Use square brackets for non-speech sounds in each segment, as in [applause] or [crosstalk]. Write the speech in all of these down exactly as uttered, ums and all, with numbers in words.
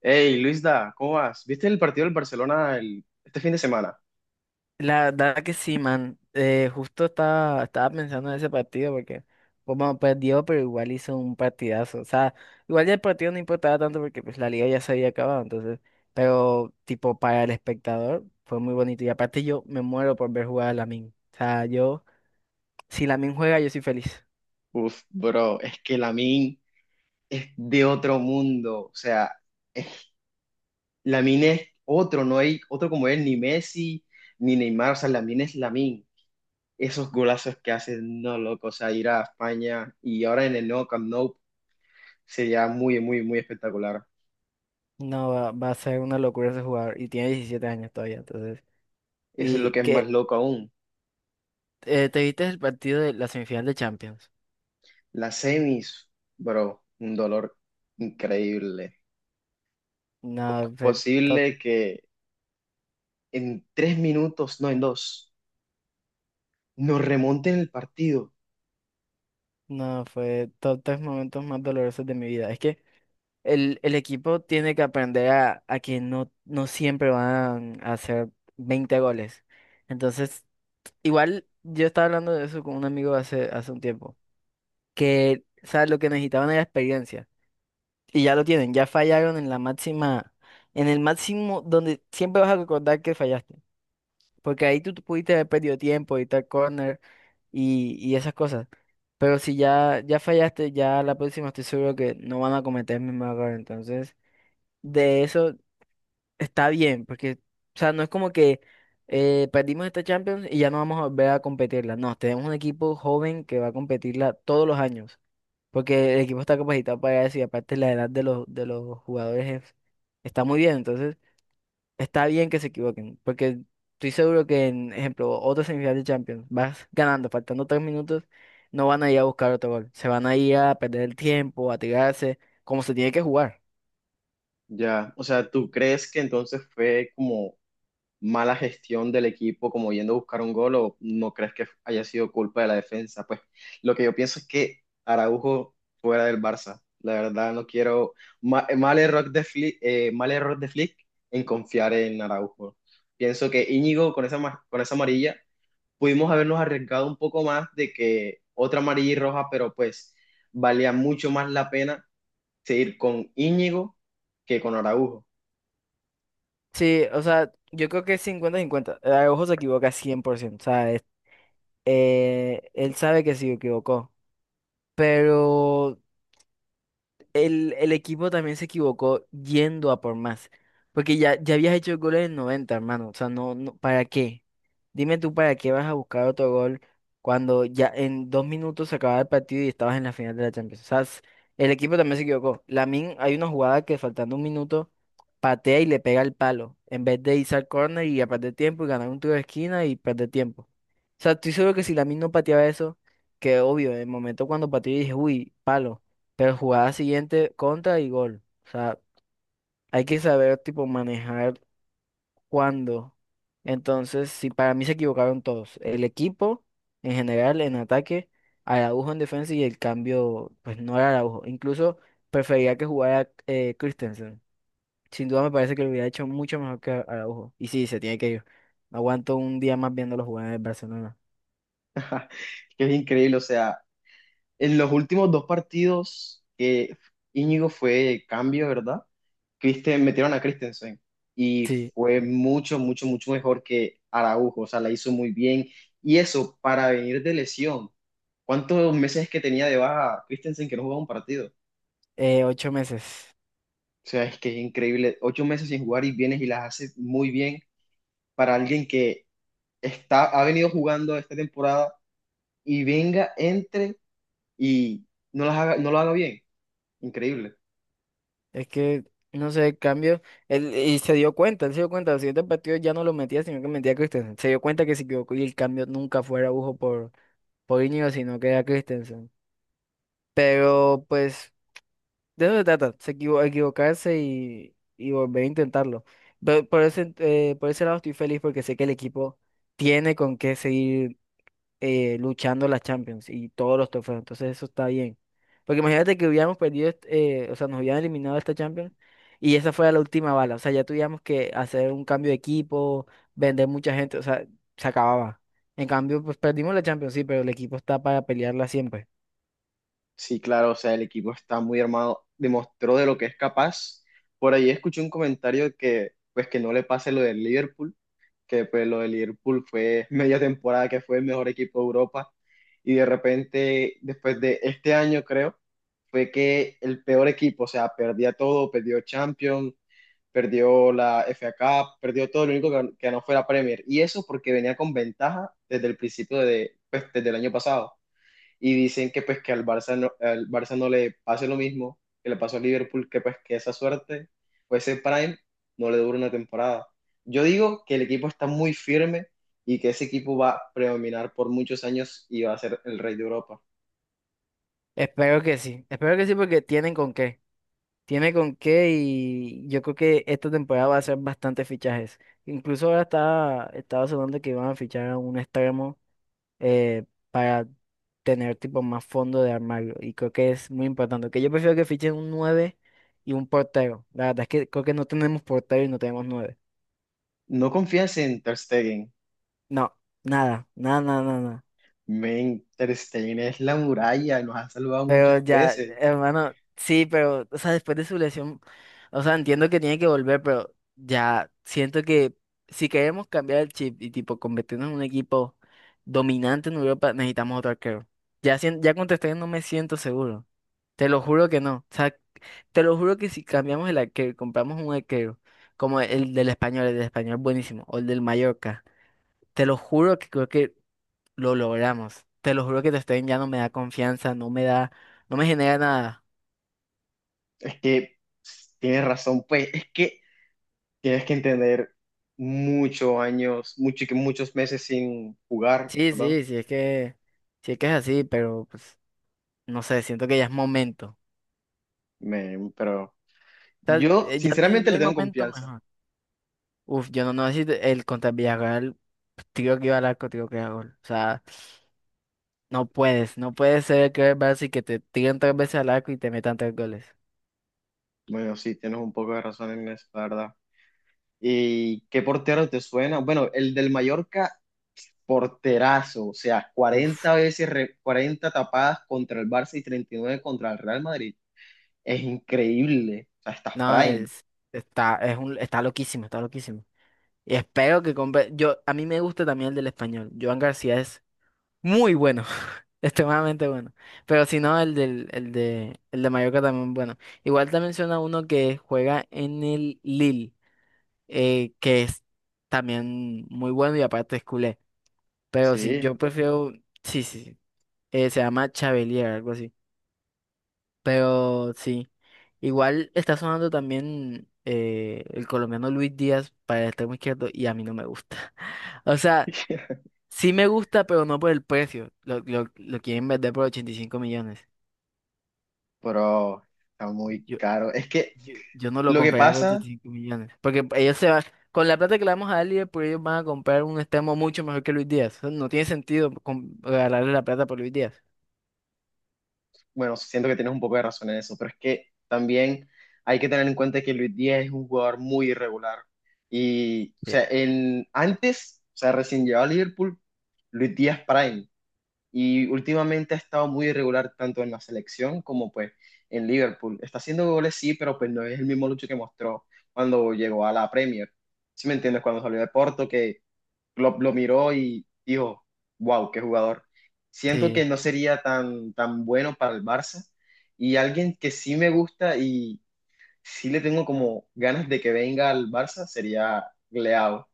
Hey, Luisda, ¿cómo vas? ¿Viste el partido del Barcelona el- este fin de semana? La verdad que sí, man. Eh, justo estaba, estaba pensando en ese partido porque, pues, bueno, perdió, pero igual hizo un partidazo. O sea, igual ya el partido no importaba tanto porque pues la liga ya se había acabado, entonces, pero tipo para el espectador fue muy bonito. Y aparte yo me muero por ver jugar a Lamin. O sea, yo, si Lamin juega, yo soy feliz. Uf, bro, es que Lamine es de otro mundo. O sea, Lamine es otro, no hay otro como él, ni Messi, ni Neymar. O sea, Lamine es Lamine. Esos golazos que hace, no, loco. O sea, ir a España y ahora en el nuevo Camp Nou sería muy, muy, muy espectacular. No, va, va a ser una locura ese jugador. Y tiene diecisiete años todavía, entonces. Eso es lo ¿Y que es más que loco aún. eh, ¿Te viste el partido de la semifinal de Champions? Las semis, bro, un dolor increíble. ¿Cómo No, es fue posible que en tres minutos, no en dos, nos remonten el partido? No, fue todos los momentos más dolorosos de mi vida. Es que el, el equipo tiene que aprender a, a que no, no siempre van a hacer veinte goles. Entonces, igual yo estaba hablando de eso con un amigo hace, hace un tiempo, que, o sea, lo que necesitaban era experiencia. Y ya lo tienen, ya fallaron en la máxima, en el máximo donde siempre vas a recordar que fallaste. Porque ahí tú, tú pudiste haber perdido tiempo y tal corner y, y esas cosas. Pero si ya, ya fallaste, ya la próxima estoy seguro que no van a cometer el mismo error. Entonces, de eso está bien, porque, o sea, no es como que eh, perdimos esta Champions y ya no vamos a volver a competirla. No, tenemos un equipo joven que va a competirla todos los años, porque el equipo está capacitado para eso y aparte la edad de los, de los jugadores es- está muy bien. Entonces, está bien que se equivoquen, porque estoy seguro que, en ejemplo, otra semifinal de Champions, vas ganando, faltando tres minutos, no van a ir a buscar otro gol. Se van a ir a perder el tiempo, a tirarse, como se tiene que jugar. Ya, o sea, ¿tú crees que entonces fue como mala gestión del equipo, como yendo a buscar un gol, o no crees que haya sido culpa de la defensa? Pues lo que yo pienso es que Araujo fuera del Barça. La verdad, no quiero ma- mal, error de Flick, eh, mal error de Flick en confiar en Araujo. Pienso que Íñigo con esa, ma- con esa amarilla pudimos habernos arriesgado un poco más de que otra amarilla y roja, pero pues valía mucho más la pena seguir con Íñigo que con Araujo, Sí, o sea, yo creo que es cincuenta 50. Araujo se equivoca cien por ciento. O sea, es- eh, él sabe que se equivocó, pero el, el equipo también se equivocó yendo a por más. Porque ya, ya habías hecho el gol en el noventa, hermano. O sea, no, no, ¿para qué? Dime tú, ¿para qué vas a buscar otro gol cuando ya en dos minutos se acababa el partido y estabas en la final de la Champions? O sea, s- el equipo también se equivocó. Lamin, hay una jugada que faltando un minuto patea y le pega el palo. En vez de irse al córner y a perder tiempo y ganar un tiro de esquina y perder tiempo. O sea, estoy seguro que si Lamin no pateaba eso, que obvio, en el momento cuando pateó dije, uy, palo. Pero jugada siguiente, contra y gol. O sea, hay que saber, tipo, manejar cuándo. Entonces, si para mí se equivocaron todos. El equipo, en general, en ataque, Araujo en defensa y el cambio, pues no era Araujo. Incluso prefería que jugara eh, Christensen. Sin duda me parece que lo hubiera hecho mucho mejor que Araujo. Y sí, se tiene que ir. No aguanto un día más viéndolo jugar en el Barcelona. que es increíble, o sea, en los últimos dos partidos que Íñigo fue cambio, ¿verdad? Christen, metieron a Christensen y Sí, fue mucho, mucho, mucho mejor que Araujo, o sea, la hizo muy bien y eso para venir de lesión. ¿Cuántos meses que tenía de baja Christensen que no jugaba un partido? eh, ocho meses. O sea, es que es increíble. Ocho meses sin jugar y vienes y las haces muy bien para alguien que está, ha venido jugando esta temporada y venga, entre y no las haga, no lo haga bien. Increíble. Es que, no sé, el cambio. Él, y se dio cuenta, él se dio cuenta. Los siguientes partidos ya no lo metía, sino que metía a Christensen. Se dio cuenta que se equivocó y el cambio nunca fue a Araujo por, por Iñigo, sino que era Christensen. Pero, pues, de eso se trata, se equivo- equivocarse y, y volver a intentarlo. Pero por ese, eh, por ese lado estoy feliz porque sé que el equipo tiene con qué seguir eh, luchando la Champions y todos los trofeos. Entonces eso está bien. Porque imagínate que hubiéramos perdido, est- eh, o sea, nos hubieran eliminado esta Champions y esa fue la última bala. O sea, ya tuviéramos que hacer un cambio de equipo, vender mucha gente, o sea, se acababa. En cambio, pues perdimos la Champions, sí, pero el equipo está para pelearla siempre. Sí, claro, o sea, el equipo está muy armado, demostró de lo que es capaz. Por ahí escuché un comentario que, pues, que no le pase lo del Liverpool que pues lo del Liverpool fue media temporada que fue el mejor equipo de Europa y de repente después de este año creo fue que el peor equipo, o sea, perdía todo, perdió Champions, perdió la F A Cup, perdió todo, lo único que, que no fue la Premier y eso porque venía con ventaja desde el principio de, pues, desde el año pasado y dicen que pues que al Barça no, al Barça no le pase lo mismo que le pasó a Liverpool, que pues que esa suerte o ese prime no le dura una temporada. Yo digo que el equipo está muy firme y que ese equipo va a predominar por muchos años y va a ser el rey de Europa. Espero que sí, espero que sí porque tienen con qué. Tiene con qué y yo creo que esta temporada va a ser bastantes fichajes. Incluso ahora está, estaba sonando que iban a fichar a un extremo, eh, para tener tipo más fondo de armario. Y creo que es muy importante. Que yo prefiero que fichen un nueve y un portero. La verdad es que creo que no tenemos portero y no tenemos nueve. No confías en Ter Stegen. No, nada, nada, nada, nada. Nada. Men, Ter Stegen es la muralla, nos ha salvado muchas Pero ya, veces. hermano, sí, pero, o sea, después de su lesión, o sea, entiendo que tiene que volver, pero ya siento que si queremos cambiar el chip y tipo convertirnos en un equipo dominante en Europa, necesitamos otro arquero. Ya, sien- ya contesté, no me siento seguro. Te lo juro que no. O sea, te lo juro que si cambiamos el arquero, y compramos un arquero, como el del español, el del español buenísimo, o el del Mallorca, te lo juro que creo que lo logramos. Te lo juro que Testen ya no me da confianza, no me da, no me genera nada. Es que tienes razón, pues es que tienes que entender muchos años, mucho, muchos meses sin jugar, Sí, ¿verdad? sí, sí es que, sí es que es así, pero pues, no sé, siento que ya es momento. O Me- pero sea, yo eh, ya no hay, no sinceramente le hay tengo momento confianza. mejor. Uf, yo no, no sé si el contra el Villarreal, pues, tiro que iba al arco, tiro que iba a gol. O sea, No puedes, no puedes ser el quarterback y que te tiren tres veces al arco y te metan tres goles. Bueno, sí, tienes un poco de razón en eso, la verdad. ¿Y qué portero te suena? Bueno, el del Mallorca, porterazo, o sea, Uf, cuarenta veces, re- cuarenta tapadas contra el Barça y treinta y nueve contra el Real Madrid. Es increíble, o sea, estás no, prime. es, está, es un, está loquísimo, está loquísimo. Y espero que compre. Yo, a mí me gusta también el del español. Joan García es muy bueno, [laughs] extremadamente bueno. Pero si no, el del, el de, el de Mallorca también bueno. Igual te menciona uno que juega en el Lille, eh, que es también muy bueno y aparte es culé. Pero si Sí, yo prefiero, sí, sí, sí. Eh, se llama Chabelier, algo así. Pero sí, igual está sonando también eh, el colombiano Luis Díaz para el extremo izquierdo y a mí no me gusta. [laughs] O sea, [laughs] sí me gusta, pero no por el precio. Lo, lo, lo quieren vender por ochenta y cinco millones. pero está muy Yo, caro. Es que yo, yo no lo lo que compraría por ochenta pasa y cinco millones. Porque ellos se van, con la plata que le vamos a dar pues ellos van a comprar un extremo mucho mejor que Luis Díaz. O sea, no tiene sentido com- regalarle la plata por Luis Díaz. bueno, siento que tienes un poco de razón en eso, pero es que también hay que tener en cuenta que Luis Díaz es un jugador muy irregular. Y, o Sí. sea, en, antes, o sea, recién llegado a Liverpool, Luis Díaz Prime. Y últimamente ha estado muy irregular tanto en la selección como pues en Liverpool. Está haciendo goles, sí, pero pues no es el mismo Lucho que mostró cuando llegó a la Premier. ¿Si me entiendes? Cuando salió de Porto, que lo, lo miró y dijo, wow, qué jugador. Siento que Sí. no sería tan, tan bueno para el Barça y alguien que sí me gusta y sí le tengo como ganas de que venga al Barça sería Leao.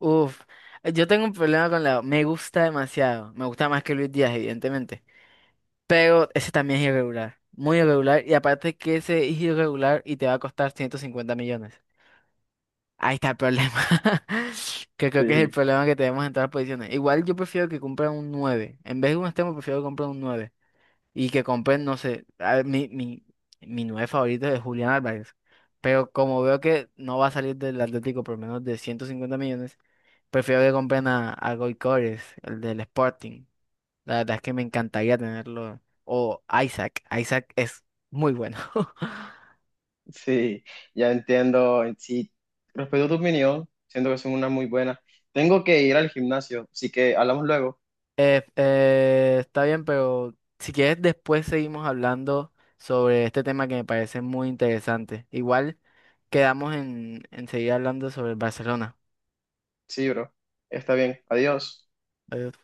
Uf. Yo tengo un problema con la... Me gusta demasiado. Me gusta más que Luis Díaz, evidentemente. Pero ese también es irregular, muy irregular. Y aparte que ese es irregular y te va a costar ciento cincuenta millones. Ahí está el problema. [laughs] Que creo que es el Sí. problema que tenemos en todas las posiciones. Igual yo prefiero que compren un nueve. En vez de un extremo, prefiero que compren un nueve. Y que compren, no sé, a ver, mi, mi, mi nueve favorito es Julián Álvarez. Pero como veo que no va a salir del Atlético por menos de ciento cincuenta millones, prefiero que compren a, a Gyökeres, el del Sporting. La verdad es que me encantaría tenerlo. O Isaac. Isaac es muy bueno. [laughs] Sí, ya entiendo. Sí, respeto tu opinión, siento que son una muy buena. Tengo que ir al gimnasio, así que hablamos luego. Eh, eh, está bien, pero si quieres después seguimos hablando sobre este tema que me parece muy interesante. Igual quedamos en, en seguir hablando sobre el Barcelona. Sí, bro. Está bien. Adiós. Adiós.